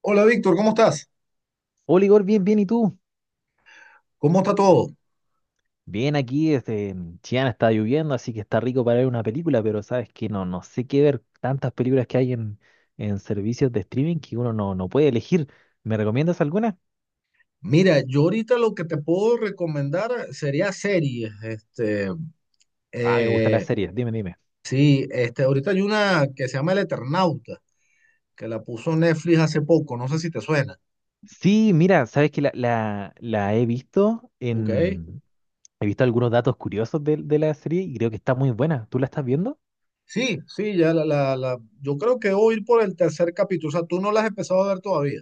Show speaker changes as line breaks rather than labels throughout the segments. Hola Víctor, ¿cómo estás?
Hola Igor, bien, bien, ¿y tú?
¿Cómo está todo?
Bien, aquí este, en Chillán está lloviendo, así que está rico para ver una película, pero sabes que no, no sé qué ver. Tantas películas que hay en servicios de streaming que uno no, no puede elegir. ¿Me recomiendas alguna?
Mira, yo ahorita lo que te puedo recomendar sería series.
Ah, me gusta la
Eh,
serie, dime, dime.
sí, este, ahorita hay una que se llama El Eternauta, que la puso Netflix hace poco, no sé si te suena.
Sí, mira, sabes que la he visto
¿Ok?
en... He visto algunos datos curiosos de la serie y creo que está muy buena. ¿Tú la estás viendo?
Sí, sí, yo creo que voy a ir por el tercer capítulo, o sea, tú no la has empezado a ver todavía.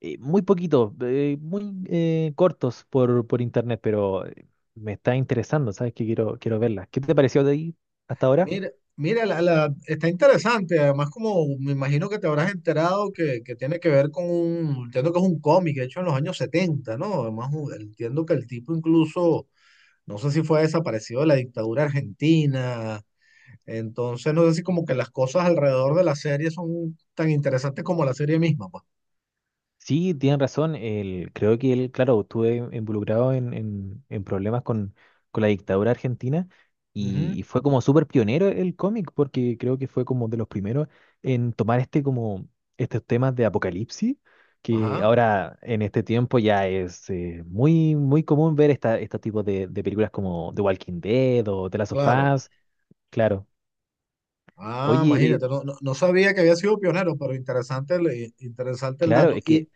Muy poquitos, muy cortos por internet, pero me está interesando, ¿sabes? Que quiero, quiero verlas. ¿Qué te pareció de ahí hasta ahora?
Mira, está interesante. Además, como me imagino que te habrás enterado que tiene que ver con un, entiendo que es un cómic hecho en los años 70, ¿no? Además, entiendo que el tipo incluso, no sé si fue desaparecido de la dictadura argentina. Entonces, no sé si como que las cosas alrededor de la serie son tan interesantes como la serie misma, pues.
Sí, tienen razón. El, creo que él, claro, estuve involucrado en problemas con la dictadura argentina
Ujú.
y fue como súper pionero el cómic, porque creo que fue como de los primeros en tomar este como estos temas de apocalipsis, que
Ajá,
ahora en este tiempo ya es muy, muy común ver esta, estos tipos de películas como The Walking Dead o The Last of
claro.
Us, claro.
Ah,
Oye,
imagínate, no, no, no sabía que había sido pionero, pero interesante interesante el
claro,
dato.
es
Y,
que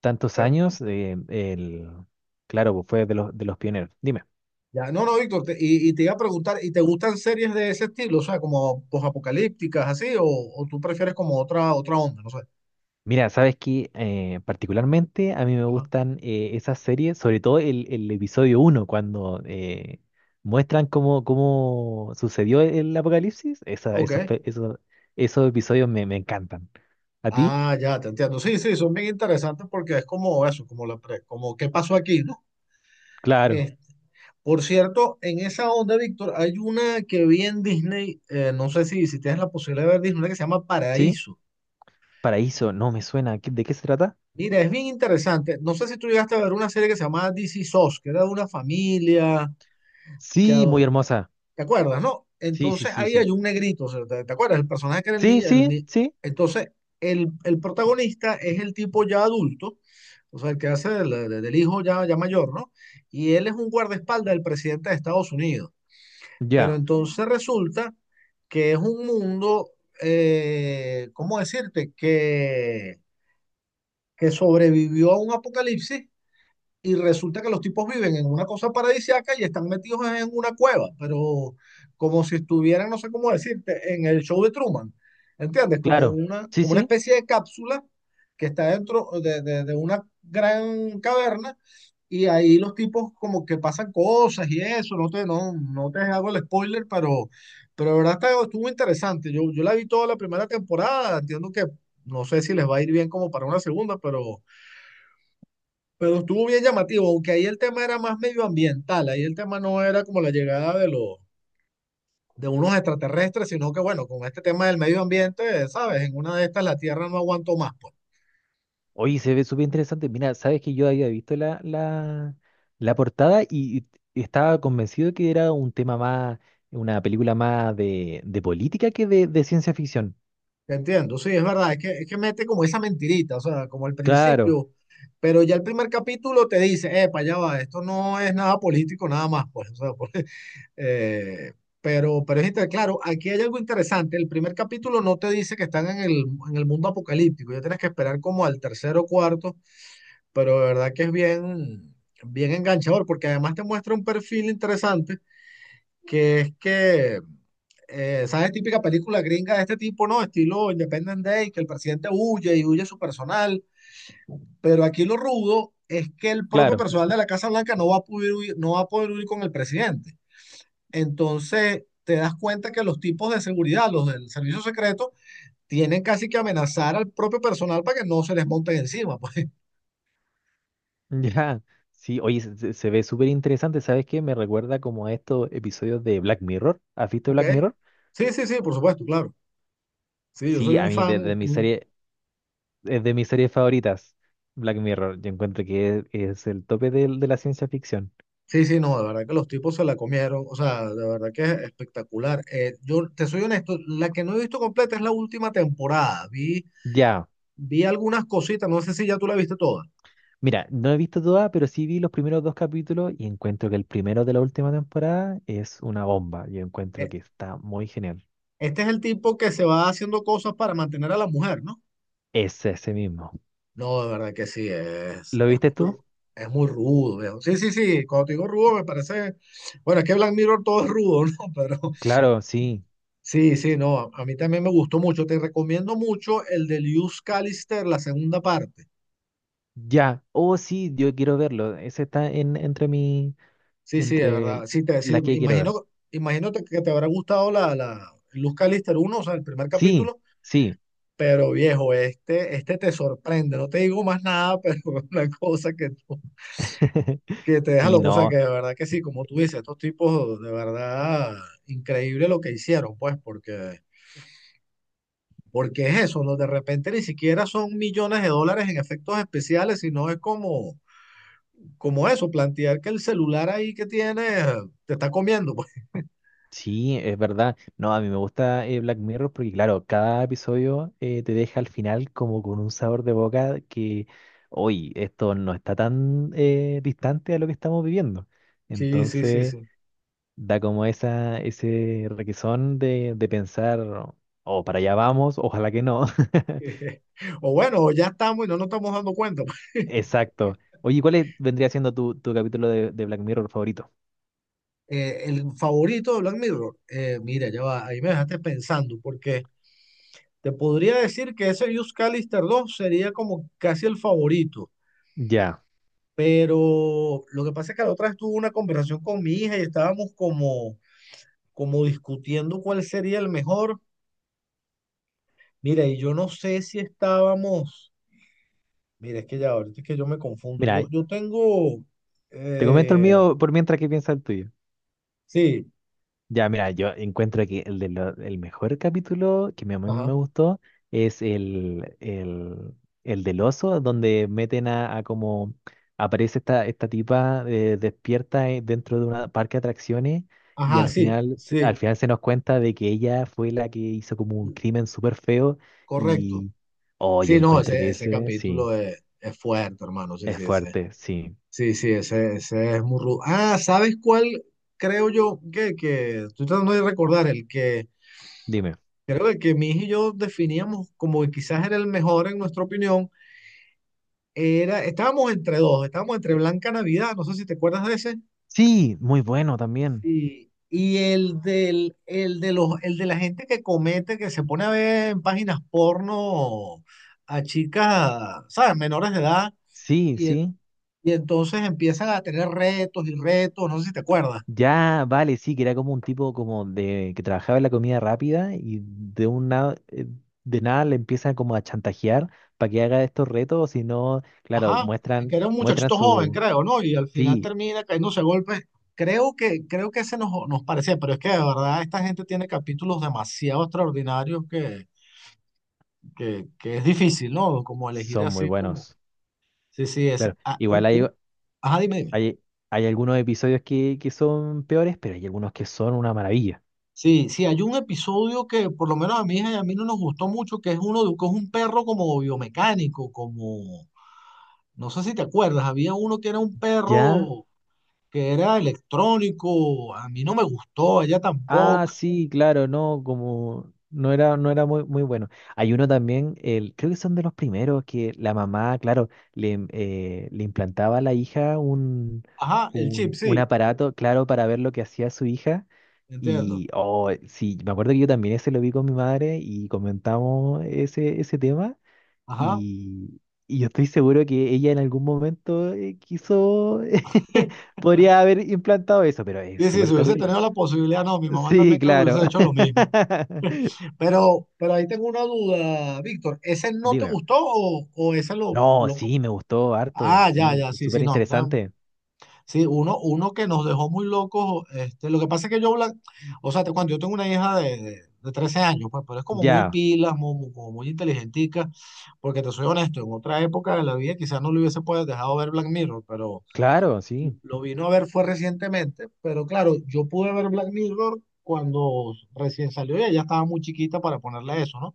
tantos años, el, claro, pues fue de los pioneros. Dime.
ya, no, no, Víctor, y, te iba a preguntar, ¿y te gustan series de ese estilo? O sea, como posapocalípticas, así, o tú prefieres como otra, otra onda, no sé.
Mira, sabes que particularmente a mí me
Ajá.
gustan esas series, sobre todo el episodio uno cuando muestran cómo, cómo sucedió el apocalipsis. Esa,
Ok.
esos, pe- esos, esos episodios me, me encantan. ¿A ti?
Ah, ya, te entiendo. Sí, sí, son bien interesantes porque es como eso, como como qué pasó aquí, ¿no?
Claro,
Eh, por cierto, en esa onda, Víctor, hay una que vi en Disney, no sé si tienes la posibilidad de ver Disney, una que se llama
¿sí?
Paraíso.
Paraíso, no me suena. ¿Qué- ¿De qué se trata?
Mira, es bien interesante. No sé si tú llegaste a ver una serie que se llamaba This Is Us, que era de una familia que,
Sí, muy
ado-
hermosa.
¿te acuerdas, no?
Sí, sí,
Entonces
sí,
ahí
sí.
hay un negrito, o sea, ¿ te acuerdas? El personaje que era el
Sí,
niño. El
sí,
ni-
sí.
Entonces, el protagonista es el tipo ya adulto, o sea, el que hace del hijo ya, ya mayor, ¿no? Y él es un guardaespaldas del presidente de Estados Unidos. Pero
Ya,
entonces resulta que es un mundo, ¿cómo decirte? Que sobrevivió a un apocalipsis y resulta que los tipos viven en una cosa paradisíaca y están metidos en una cueva, pero como si estuvieran, no sé cómo decirte, en el show de Truman, ¿entiendes?
claro. Sí,
Como una
sí.
especie de cápsula que está dentro de una gran caverna y ahí los tipos como que pasan cosas y eso, no te hago el spoiler, pero de verdad estuvo interesante. Yo la vi toda la primera temporada, entiendo que no sé si les va a ir bien como para una segunda, pero... Pero estuvo bien llamativo, aunque ahí el tema era más medioambiental, ahí el tema no era como la llegada de los, de unos extraterrestres, sino que bueno, con este tema del medio ambiente, sabes, en una de estas la Tierra no aguantó más, pues.
Oye, se ve súper interesante. Mira, sabes que yo había visto la portada y estaba convencido que era un tema más, una película más de política que de ciencia ficción.
Te entiendo, sí, es verdad, es que mete como esa mentirita, o sea, como al
Claro,
principio, pero ya el primer capítulo te dice, epa, ya va, esto no es nada político, nada más, pues, o sea, pues, Eh, pero claro, aquí hay algo interesante. El primer capítulo no te dice que están en el mundo apocalíptico. Ya tienes que esperar como al tercero o cuarto, pero de verdad que es bien, bien enganchador, porque además te muestra un perfil interesante, que es que, ¿sabes? Típica película gringa de este tipo, ¿no? Estilo Independent Day, que el presidente huye y huye su personal. Pero aquí lo rudo es que el propio
claro.
personal de la Casa Blanca no va a poder huir- no va a poder huir con el presidente. Entonces, te das cuenta que los tipos de seguridad, los del servicio secreto, tienen casi que amenazar al propio personal para que no se les monten encima, pues,
Ya. Sí, oye, se ve súper interesante. ¿Sabes qué? Me recuerda como a estos episodios de Black Mirror. ¿Has visto
¿ok?
Black Mirror?
Sí, sí, sí, por supuesto, claro. Sí, yo soy
Sí, a
un
mí
fan.
de mi serie, es de mis series favoritas, Black Mirror. Yo encuentro que es el tope de la ciencia ficción.
Sí, sí, no, de verdad que los tipos se la comieron, o sea, de verdad que es espectacular. Yo te soy honesto, la que no he visto completa es la última temporada.
Ya.
Vi algunas cositas, no sé si ya tú la viste toda.
Mira, no he visto toda, pero sí vi los primeros dos capítulos y encuentro que el primero de la última temporada es una bomba. Yo encuentro
Eh,
que está muy genial.
este es el tipo que se va haciendo cosas para mantener a la mujer, ¿no?
Es ese mismo.
No, de verdad que sí,
¿Lo viste tú?
es muy rudo, viejo. Sí, sí, sí, cuando te digo rudo me parece, bueno, es que Black Mirror todo es rudo, ¿no? Pero
Claro, sí.
sí, sí, no, a mí también me gustó mucho. Te recomiendo mucho el de Luz Callister, la segunda parte.
Ya. Oh, sí, yo quiero verlo. Ese está en, entre mi,
Sí, sí, de verdad.
entre
Sí,
las
me
que quiero ver.
imagino, imagínate que te habrá gustado la Luz Callister uno o sea, el primer
Sí,
capítulo,
sí.
pero viejo, este te sorprende, no te digo más nada, pero una cosa que te deja
Sí,
loco. O sea, que
no.
de verdad que sí, como tú dices, estos tipos de verdad increíble lo que hicieron, pues, porque, porque es eso, ¿no? De repente ni siquiera son millones de dólares en efectos especiales, sino es como, como eso, plantear que el celular ahí que tienes te está comiendo, pues.
Sí, es verdad. No, a mí me gusta Black Mirror porque, claro, cada episodio te deja al final como con un sabor de boca que, hoy, esto no está tan distante a lo que estamos viviendo.
Sí, sí, sí,
Entonces,
sí.
da como esa, ese requesón de pensar, oh, oh, para allá vamos, ojalá que no.
O bueno, ya estamos y no nos estamos dando cuenta. Pues.
Exacto. Oye, ¿cuál es- vendría siendo tu, tu capítulo de Black Mirror favorito?
El favorito de Black Mirror, mira, ya va, ahí me dejaste pensando, porque te podría decir que ese Use Callister 2 sería como casi el favorito.
Ya.
Pero lo que pasa es que la otra vez tuve una conversación con mi hija y estábamos como, como discutiendo cuál sería el mejor. Mira, y yo no sé si estábamos. Mira, es que ya ahorita es que yo me confundo.
Mira,
Yo tengo.
te comento el
eh,
mío por mientras que piensa el tuyo.
sí,
Ya, mira, yo encuentro que el, el mejor capítulo a mí
ajá.
me gustó es el del oso, donde meten a como aparece esta, esta tipa despierta dentro de un parque de atracciones y
Ajá,
al
sí,
final, al
sí,
final se nos cuenta de que ella fue la que hizo como un crimen súper feo
correcto.
y, oh, yo
Sí, no,
encuentro que
ese
ese, sí,
capítulo es fuerte, hermano. Sí,
es
sí, ese.
fuerte, sí.
Sí, sí, ese es muy rudo. Ah, ¿sabes cuál creo yo que estoy tratando de recordar? El que
Dime.
creo que mi hija y yo definíamos como que quizás era el mejor en nuestra opinión. Era, estábamos entre dos, estábamos entre Blanca Navidad, no sé si te acuerdas de ese,
Sí, muy bueno también.
y el de los, el de la gente que comete, que se pone a ver en páginas porno a chicas, ¿sabes? Menores de edad,
Sí,
y, en-
sí.
y entonces empiezan a tener retos y retos, no sé si te acuerdas.
Ya, vale, sí, que era como un tipo como de que trabajaba en la comida rápida y de un eh, de nada le empiezan como a chantajear para que haga estos retos, si no, claro,
Ajá, que
muestran,
era un
muestran
muchachito joven,
su,
creo, ¿no? Y al final
sí,
termina cayéndose a golpes. Creo que ese nos parecía, pero es que de verdad esta gente tiene capítulos demasiado extraordinarios que es difícil, ¿no? Como elegir
son muy
así como...
buenos.
Sí, sí, ese...
Claro, igual hay,
Ajá, dime, dime.
hay, hay algunos episodios que son peores, pero hay algunos que son una maravilla.
Sí, sí, hay un episodio que por lo menos a mi hija y a mí no nos gustó mucho, que es uno de que es un perro como biomecánico, como... No sé si te acuerdas, había uno que era un
¿Ya?
perro que era electrónico, a mí no me gustó, a ella
Ah,
tampoco.
sí, claro, no, como no era, no era muy, muy bueno. Hay uno también, el, creo que son de los primeros, que la mamá, claro, le, im- le implantaba a la hija
Ajá, el chip,
un
sí,
aparato, claro, para ver lo que hacía su hija.
entiendo.
Y, oh, sí, me acuerdo que yo también ese lo vi con mi madre y comentamos ese, ese tema.
Ajá.
Y, y yo estoy seguro que ella en algún momento quiso, podría haber implantado eso, pero es
Sí, sí,
súper
si hubiese
terrible.
tenido la posibilidad, no, mi mamá
Sí,
también creo que
claro.
hubiese hecho lo mismo. Pero ahí tengo una duda, Víctor, ¿ese no te
Dime.
gustó o ese
No, sí, me gustó harto,
ah, ya,
sí,
ya, sí, sí,
súper
no, a mí también
interesante.
sí, uno, uno que nos dejó muy locos. Este, lo que pasa es que o sea, te cuento, yo tengo una hija de 13 años, pues, pero es como muy
Ya,
pilas, como muy, inteligentica, porque te soy honesto, en otra época de la vida quizás no le hubiese podido dejado ver Black Mirror, pero
claro, sí,
lo vino a ver fue recientemente, pero claro, yo pude ver Black Mirror cuando recién salió y ella estaba muy chiquita para ponerle eso, ¿no?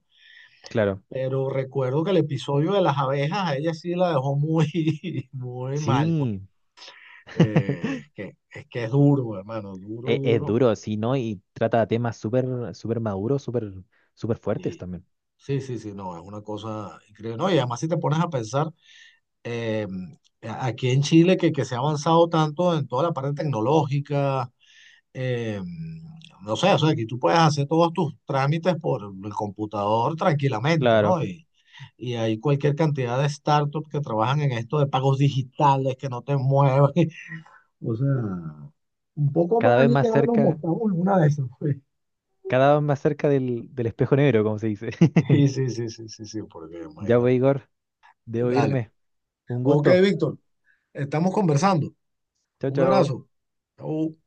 claro.
Pero recuerdo que el episodio de las abejas a ella sí la dejó muy, muy mal, pues.
Sí.
Es que es duro, hermano, duro,
Es
duro.
duro, sí, ¿no? Y trata temas súper, súper maduros, súper, súper fuertes
Y
también.
sí, sí, sí, no, es una cosa increíble. No, y además si te pones a pensar, eh, aquí en Chile que se ha avanzado tanto en toda la parte tecnológica, eh, no sé, o sea, aquí tú puedes hacer todos tus trámites por el computador tranquilamente,
Claro.
¿no? Y hay cualquier cantidad de startups que trabajan en esto de pagos digitales, que no te mueven. O sea, un poco
Cada
más
vez
y ya
más
nos
cerca,
montamos en una de esas, pues.
cada vez más cerca del espejo negro, como se dice.
Sí, sí, sí, sí, sí, sí, porque
Ya
imagínate.
voy, Igor. Debo
Dale.
irme. Un
Ok,
gusto.
Víctor, estamos conversando.
Chao,
Un
chao.
abrazo. Chau.